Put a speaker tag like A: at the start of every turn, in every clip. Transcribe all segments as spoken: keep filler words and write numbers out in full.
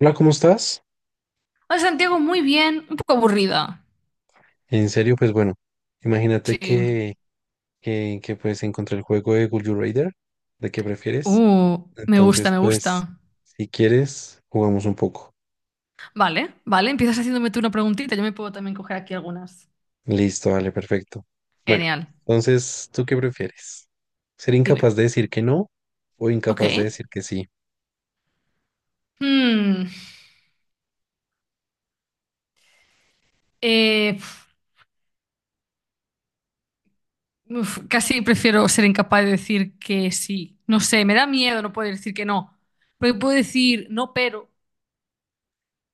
A: Hola, ¿cómo estás?
B: Hola Santiago, muy bien, un poco aburrida.
A: En serio, pues bueno, imagínate
B: Sí.
A: que, que, que, pues encontré el juego de Would You Rather, de qué prefieres.
B: Uh, me gusta,
A: Entonces,
B: me
A: pues,
B: gusta.
A: si quieres, jugamos un poco.
B: Vale, vale, empiezas haciéndome tú una preguntita, yo me puedo también coger aquí algunas.
A: Listo, vale, perfecto. Bueno,
B: Genial,
A: entonces, ¿tú qué prefieres? ¿Ser
B: dime.
A: incapaz de decir que no o
B: Ok.
A: incapaz de decir que sí?
B: Hmm, eh, uf, casi prefiero ser incapaz de decir que sí. No sé, me da miedo no poder decir que no. Porque puedo decir no, pero,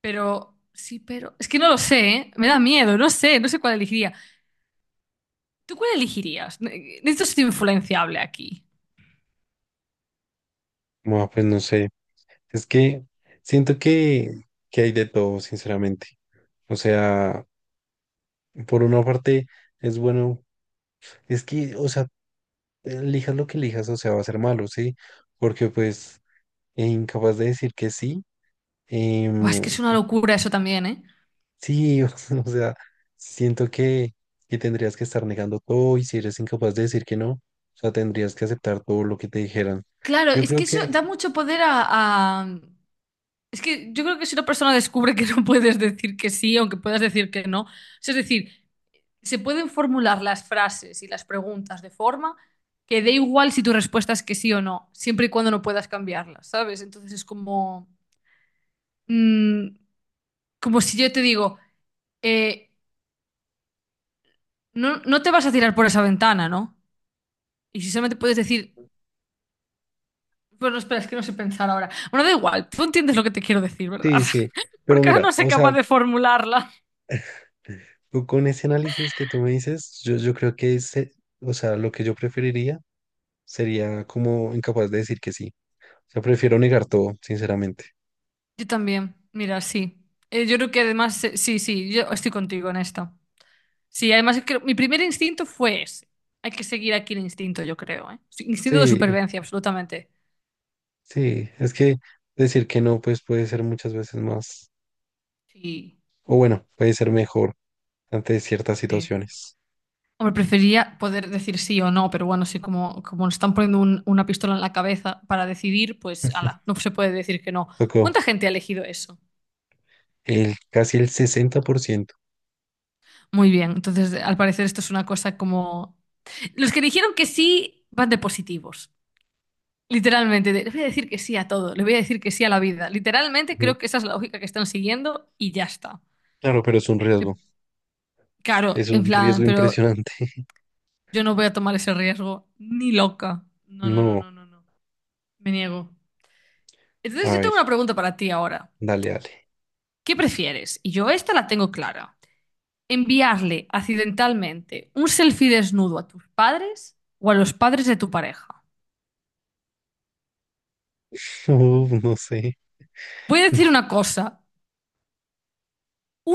B: pero, sí, pero. Es que no lo sé, ¿eh? Me da miedo, no sé, no sé cuál elegiría. ¿Tú cuál elegirías? Ne- eh, Necesito ser influenciable aquí.
A: Bueno, pues no sé. Es que siento que, que hay de todo, sinceramente. O sea, por una parte es bueno, es que, o sea, elijas lo que elijas, o sea, va a ser malo, ¿sí? Porque pues eh, incapaz de decir que sí,
B: Buah, es que
A: em,
B: es una locura eso también, ¿eh?
A: sí, o sea, siento que, que tendrías que estar negando todo y si eres incapaz de decir que no, o sea, tendrías que aceptar todo lo que te dijeran.
B: Claro,
A: Yo
B: es
A: creo
B: que eso
A: que,
B: da mucho poder a, a- Es que yo creo que si una persona descubre que no puedes decir que sí, aunque puedas decir que no, o sea, es decir, se pueden formular las frases y las preguntas de forma que dé igual si tu respuesta es que sí o no, siempre y cuando no puedas cambiarlas, ¿sabes? Entonces es como, mm, como si yo te digo, eh, no, no te vas a tirar por esa ventana, ¿no? Y si solamente puedes decir, bueno, espera, es que no sé pensar ahora. Bueno, da igual, tú entiendes lo que te quiero decir, ¿verdad?
A: sí, sí, pero
B: Porque ahora
A: mira,
B: no soy
A: o sea,
B: capaz de formularla.
A: tú con ese análisis que tú me dices, yo, yo creo que, ese, o sea, lo que yo preferiría sería como incapaz de decir que sí. O sea, prefiero negar todo, sinceramente.
B: Yo también, mira, sí. Eh, yo creo que además, eh, sí, sí, yo estoy contigo en esto. Sí, además creo- mi primer instinto fue ese. Hay que seguir aquí el instinto, yo creo, ¿eh? Sí, instinto de
A: Sí,
B: supervivencia, absolutamente.
A: sí, es que decir que no, pues puede ser muchas veces más,
B: Sí,
A: o bueno, puede ser mejor ante ciertas
B: sí.
A: situaciones.
B: Hombre, prefería poder decir sí o no, pero bueno, sí, como, como nos están poniendo un- una pistola en la cabeza para decidir, pues, ala, no se puede decir que no.
A: Tocó
B: ¿Cuánta gente ha elegido eso?
A: el casi el sesenta por ciento.
B: Muy bien, entonces al parecer esto es una cosa como... Los que dijeron que sí van de positivos, literalmente, de, le voy a decir que sí a todo, le voy a decir que sí a la vida. Literalmente
A: Ujú.
B: creo que esa es la lógica que están siguiendo y ya está.
A: Claro, pero es un
B: Eh,
A: riesgo,
B: Claro,
A: es
B: en
A: un
B: plan,
A: riesgo
B: pero
A: impresionante.
B: yo no voy a tomar ese riesgo, ni loca. No, no, no,
A: No,
B: no, no, no, me niego. Entonces
A: a
B: yo
A: ver,
B: tengo una pregunta para ti ahora.
A: dale, dale.
B: ¿Qué prefieres? Y yo esta la tengo clara. ¿Enviarle accidentalmente un selfie desnudo a tus padres o a los padres de tu pareja?
A: Uf, no sé.
B: Voy a decir una cosa.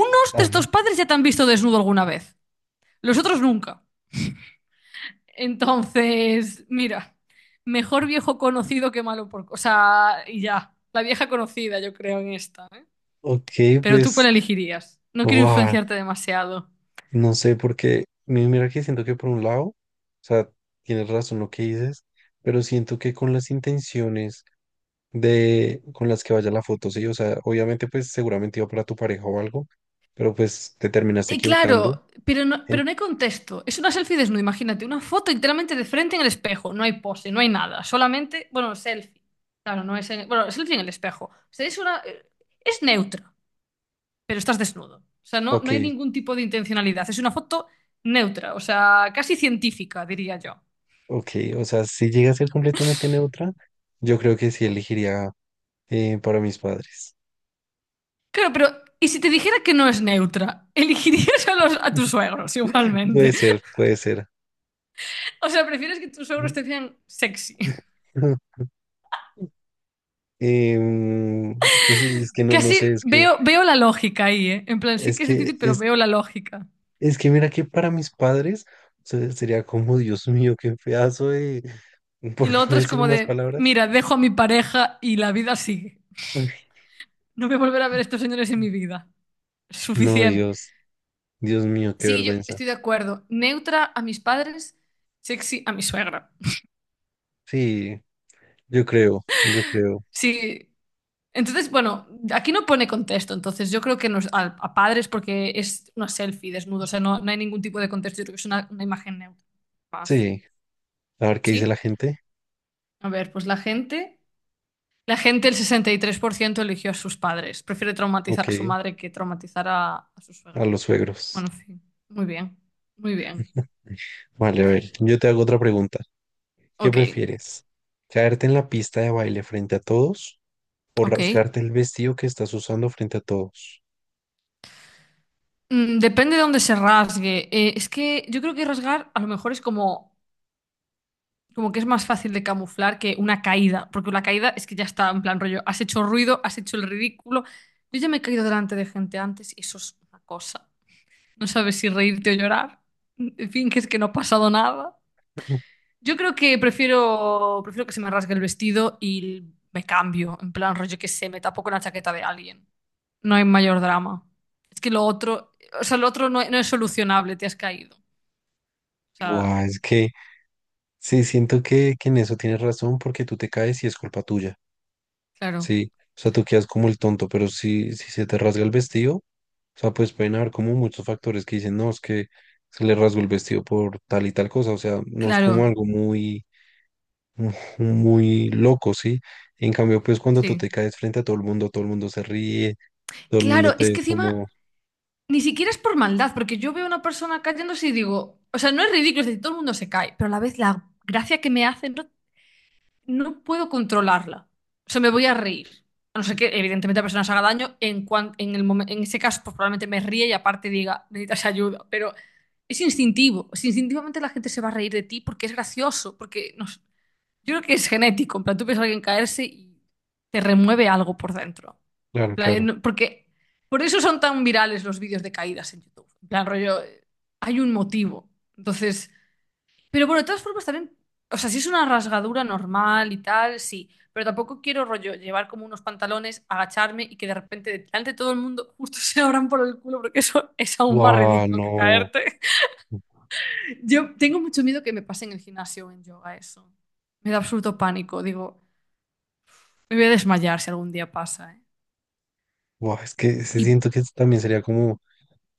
B: Unos
A: A
B: de estos
A: ver,
B: padres ya te han visto desnudo alguna vez, los otros nunca. Entonces, mira, mejor viejo conocido que malo por... O sea, y ya, la vieja conocida yo creo en esta, ¿eh?
A: ok,
B: ¿Pero tú cuál
A: pues,
B: elegirías? No quiero
A: wow,
B: influenciarte demasiado.
A: no sé, porque mi- mira que siento que por un lado, o sea, tienes razón lo que dices, pero siento que con las intenciones de con las que vaya la foto, sí, o sea, obviamente pues seguramente iba para tu pareja o algo, pero pues te terminaste
B: Y
A: equivocando.
B: claro, pero no,
A: En-
B: pero no hay contexto. Es una selfie desnuda, imagínate, una foto enteramente de frente en el espejo. No hay pose, no hay nada. Solamente, bueno, selfie. Claro, no es en- bueno, selfie en el espejo. O sea, es una es neutra. Pero estás desnudo. O sea, no,
A: ok,
B: no hay ningún tipo de intencionalidad. Es una foto neutra, o sea, casi científica, diría yo.
A: ok, o sea, si llega a ser completamente neutra, yo creo que sí elegiría eh, para mis padres.
B: Claro, pero ¿y si te dijera que no es neutra? Elegirías a, los, a tus suegros
A: Puede
B: igualmente.
A: ser, puede ser.
B: O sea, prefieres que tus suegros te vean sexy.
A: Em, pues, es que no, no sé,
B: Casi
A: es que,
B: veo, veo la lógica ahí, ¿eh? En plan, sí
A: es
B: que es
A: que,
B: difícil, pero
A: es
B: veo la lógica.
A: Es que mira que para mis padres se- sería como, Dios mío, qué pedazo de, por
B: Y lo
A: no
B: otro es
A: decir
B: como
A: más
B: de,
A: palabras.
B: mira, dejo a mi pareja y la vida sigue.
A: Ay.
B: No voy a volver a ver a estos señores en mi vida.
A: No,
B: Suficiente.
A: Dios, Dios mío, qué
B: Sí, yo
A: vergüenza.
B: estoy de acuerdo. Neutra a mis padres, sexy a mi suegra.
A: Sí, yo creo, yo creo.
B: Sí. Entonces, bueno, aquí no pone contexto, entonces yo creo que nos, a, a padres porque es una selfie desnudo, o sea, no, no hay ningún tipo de contexto, yo creo que es una, una imagen neutra más.
A: Sí, a ver qué dice la
B: ¿Sí?
A: gente.
B: A ver, pues la gente, la gente, el sesenta y tres por ciento eligió a sus padres, prefiere traumatizar
A: Ok,
B: a su madre que traumatizar a, a su
A: a
B: suegra.
A: los suegros.
B: Bueno, en fin, muy bien, muy bien.
A: Vale, a ver, yo te hago otra pregunta. ¿Qué
B: Ok,
A: prefieres? ¿Caerte en la pista de baile frente a todos o
B: ok.
A: rasgarte el vestido que estás usando frente a todos?
B: Mm, depende de dónde se rasgue. Eh, es que yo creo que rasgar a lo mejor es como, como que es más fácil de camuflar que una caída, porque la caída es que ya está en plan rollo, has hecho ruido, has hecho el ridículo. Yo ya me he caído delante de gente antes y eso es una cosa. No sabes si reírte o llorar. En fin, que es que no ha pasado nada. Yo creo que prefiero, prefiero que se me rasgue el vestido y me cambio, en plan rollo que se me tapo con la chaqueta de alguien. No hay mayor drama. Es que lo otro, o sea, lo otro no no es solucionable, te has caído. O sea,
A: Buah, es que sí, siento que, que en eso tienes razón porque tú te caes y es culpa tuya.
B: claro,
A: Sí, o sea, tú quedas como el tonto, pero si, si se te rasga el vestido, o sea, pues pueden haber como muchos factores que dicen, no, es que se le rasgó el vestido por tal y tal cosa, o sea, no es como
B: claro,
A: algo muy, mu- muy loco, ¿sí? En cambio, pues cuando tú te
B: sí.
A: caes frente a todo el mundo, todo el mundo se ríe, todo el mundo
B: Claro,
A: te
B: es
A: ve
B: que encima
A: como,
B: ni siquiera es por maldad, porque yo veo a una persona cayéndose y digo, o sea, no es ridículo, es decir, todo el mundo se cae, pero a la vez la gracia que me hace no, no puedo controlarla. O sea, me voy a reír. A no ser que, evidentemente, la persona se haga daño, en, cuan- en, el momen- en ese caso, pues probablemente me ríe y aparte diga, necesitas ayuda, pero es instintivo. Es instintivamente la gente se va a reír de ti porque es gracioso, porque no sé, yo creo que es genético, en plan, tú ves a alguien caerse y te remueve algo por dentro. En
A: claro,
B: plan,
A: claro,
B: no- porque por eso son tan virales los vídeos de caídas en YouTube. En plan, rollo, eh, hay un motivo. Entonces, pero bueno, de todas formas también, o sea, si es una rasgadura normal y tal, sí, pero tampoco quiero rollo llevar como unos pantalones, agacharme y que de repente delante de todo el mundo justo se abran por el culo, porque eso es aún más
A: wow,
B: ridículo que
A: no,
B: caerte. Yo tengo mucho miedo que me pase en el gimnasio o en yoga eso. Me da absoluto pánico, digo, me voy a desmayar si algún día pasa, ¿eh?
A: wow, es que se
B: Y
A: siento que también sería como,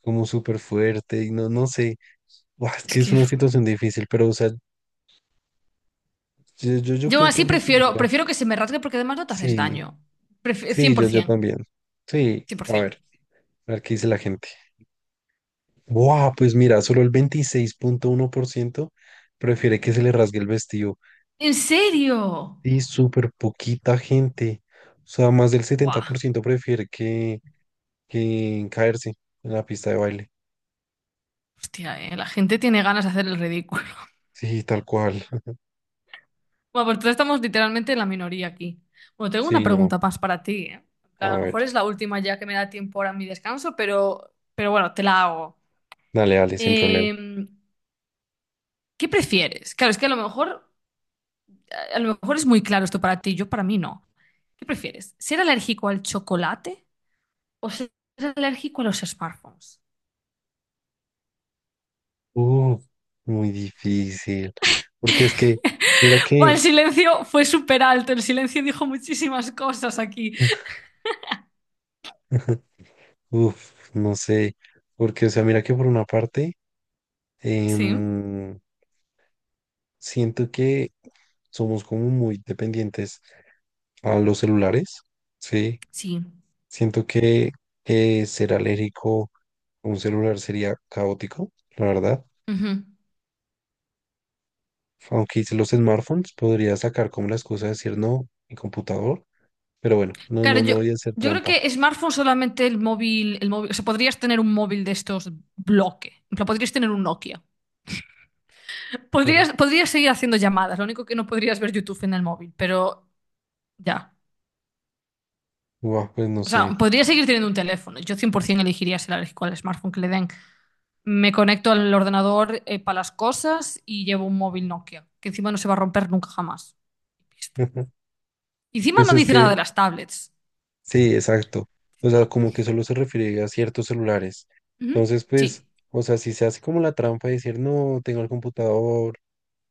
A: como súper fuerte y no, no sé, guau, es
B: es
A: que es
B: que
A: una
B: uf,
A: situación difícil, pero, o sea, yo, yo, yo
B: yo
A: creo que
B: así prefiero,
A: preferiría.
B: prefiero que se me rasgue porque además no te haces
A: Sí,
B: daño. Pref- cien por
A: sí, yo, yo
B: cien por ciento.
A: también. Sí, a ver, a ver qué dice la gente. ¡Wow! Pues mira, solo el veintiséis punto uno por ciento prefiere que se le rasgue el vestido.
B: ¿En serio?
A: Y súper poquita gente. O sea, más del setenta por
B: Buah,
A: ciento prefiere que, que caerse en la pista de baile.
B: hostia, eh, la gente tiene ganas de hacer el ridículo.
A: Sí, tal cual.
B: Bueno, pues entonces estamos literalmente en la minoría aquí. Bueno, tengo una
A: Sí, no.
B: pregunta más para ti, eh. En
A: A
B: plan, a lo
A: ver,
B: mejor es la última ya que me da tiempo ahora en mi descanso, pero, pero bueno, te la hago.
A: dale, dale, sin problema.
B: Eh, ¿qué prefieres? Claro, es que a lo mejor, a lo mejor es muy claro esto para ti, yo para mí no. ¿Qué prefieres? ¿Ser alérgico al chocolate o seas alérgico a los smartphones?
A: Uh, muy difícil. Porque es que, mira
B: Buah, el
A: que,
B: silencio fue súper alto, el silencio dijo muchísimas cosas aquí.
A: uf, no sé. Porque, o sea, mira que por una parte.
B: Sí,
A: Em, siento que somos como muy dependientes a los celulares, ¿sí?
B: sí.
A: Siento que eh, ser alérgico a un celular sería caótico, la verdad.
B: Ujú.
A: Aunque hice los smartphones, podría sacar como las cosas, decir no, mi computador, pero bueno, no,
B: Claro,
A: no, no
B: yo,
A: voy a hacer
B: yo creo
A: trampa.
B: que smartphone solamente el móvil, el móvil, o sea, podrías tener un móvil de estos bloque, en plan, podrías tener un Nokia. Podrías, podrías seguir haciendo llamadas, lo único que no podrías ver YouTube en el móvil, pero ya.
A: Guau, pues no
B: O sea,
A: sé.
B: podrías seguir teniendo un teléfono. Yo cien por ciento elegiría ser alérgico al smartphone que le den. Me conecto al ordenador eh, para las cosas y llevo un móvil Nokia, que encima no se va a romper nunca jamás. Pista. Y encima
A: Pues
B: no
A: es
B: dice nada de
A: que
B: las tablets.
A: sí, exacto. O sea, como que solo se refiere a ciertos celulares.
B: Ujú.
A: Entonces, pues,
B: Sí,
A: o sea, si se hace como la trampa de decir, no, tengo el computador,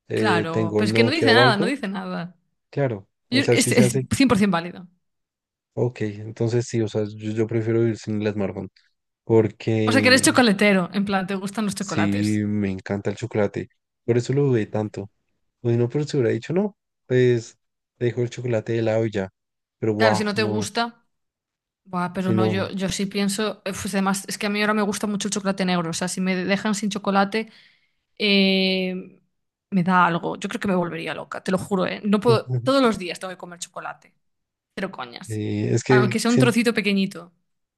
A: eh,
B: claro,
A: tengo
B: pero
A: el
B: es que no dice
A: Nokia o
B: nada, no
A: algo,
B: dice nada.
A: claro. O
B: Yo-
A: sea, si
B: es,
A: se
B: es
A: hace,
B: cien por ciento válido.
A: ok, entonces sí, o sea, yo, yo prefiero vivir sin el smartphone
B: O sea, que eres
A: porque
B: chocolatero, en plan, te gustan los
A: sí,
B: chocolates.
A: me encanta el chocolate. Por eso lo dudé tanto. O si no, pero se hubiera dicho, no, pues, dejo el chocolate de lado y ya. Pero,
B: Claro, si
A: guau,
B: no te
A: no,
B: gusta, buah, pero
A: si
B: no, yo,
A: no.
B: yo sí pienso, eh, pues además, es que a mí ahora me gusta mucho el chocolate negro, o sea, si me dejan sin chocolate... eh, Me da algo. Yo creo que me volvería loca, te lo juro, ¿eh? No puedo, todos los días tengo que comer chocolate. Pero coñas.
A: Eh, es que
B: Aunque sea un
A: sien-
B: trocito pequeñito.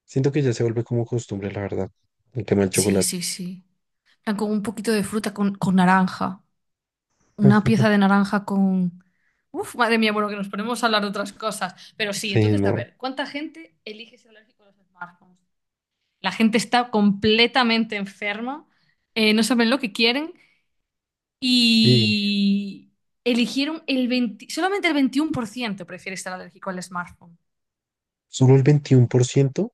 A: Siento que ya se vuelve como costumbre, la verdad, el tema del
B: Sí,
A: chocolate.
B: sí, sí. En plan, con un poquito de fruta, con, con naranja. Una pieza de naranja con... Uf, madre mía, bueno, que nos ponemos a hablar de otras cosas. Pero sí,
A: Sí,
B: entonces, a
A: no.
B: ver, ¿cuánta gente elige ser alérgico a los smartphones? La gente está completamente enferma, eh, no saben lo que quieren.
A: Y
B: Y eligieron el veinte solamente el veintiuno por ciento prefiere estar alérgico al smartphone.
A: solo el veintiún por ciento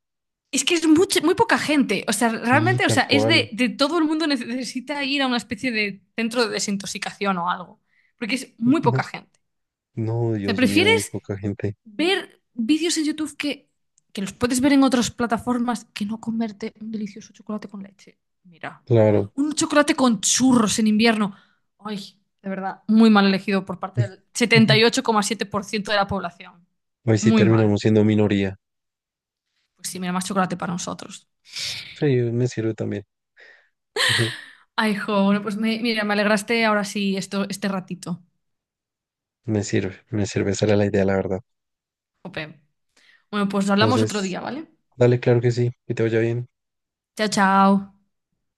B: Es que es mucho- muy poca gente. O sea,
A: sí,
B: realmente, o
A: tal
B: sea, es
A: cual.
B: de, de todo el mundo necesita ir a una especie de centro de desintoxicación o algo. Porque es muy poca
A: Ujú.
B: gente.
A: No,
B: O sea,
A: Dios mío, muy
B: prefieres
A: poca gente.
B: ver vídeos en YouTube que, que los puedes ver en otras plataformas que no comerte un delicioso chocolate con leche. Mira,
A: Claro.
B: un chocolate con churros en invierno. Ay, de verdad, muy mal elegido por parte del setenta y ocho coma siete por ciento de la población.
A: Hoy sí
B: Muy mal.
A: terminamos siendo minoría.
B: Pues sí, mira, más chocolate para nosotros.
A: Sí, me sirve también. Ujú.
B: Ay, jo, bueno, pues me- mira, me alegraste ahora sí esto, este ratito.
A: Me sirve, me sirve. Esa era la idea, la verdad.
B: Jope. Bueno, pues hablamos otro
A: Entonces,
B: día, ¿vale?
A: dale, claro que sí, que te vaya bien.
B: Chao, chao.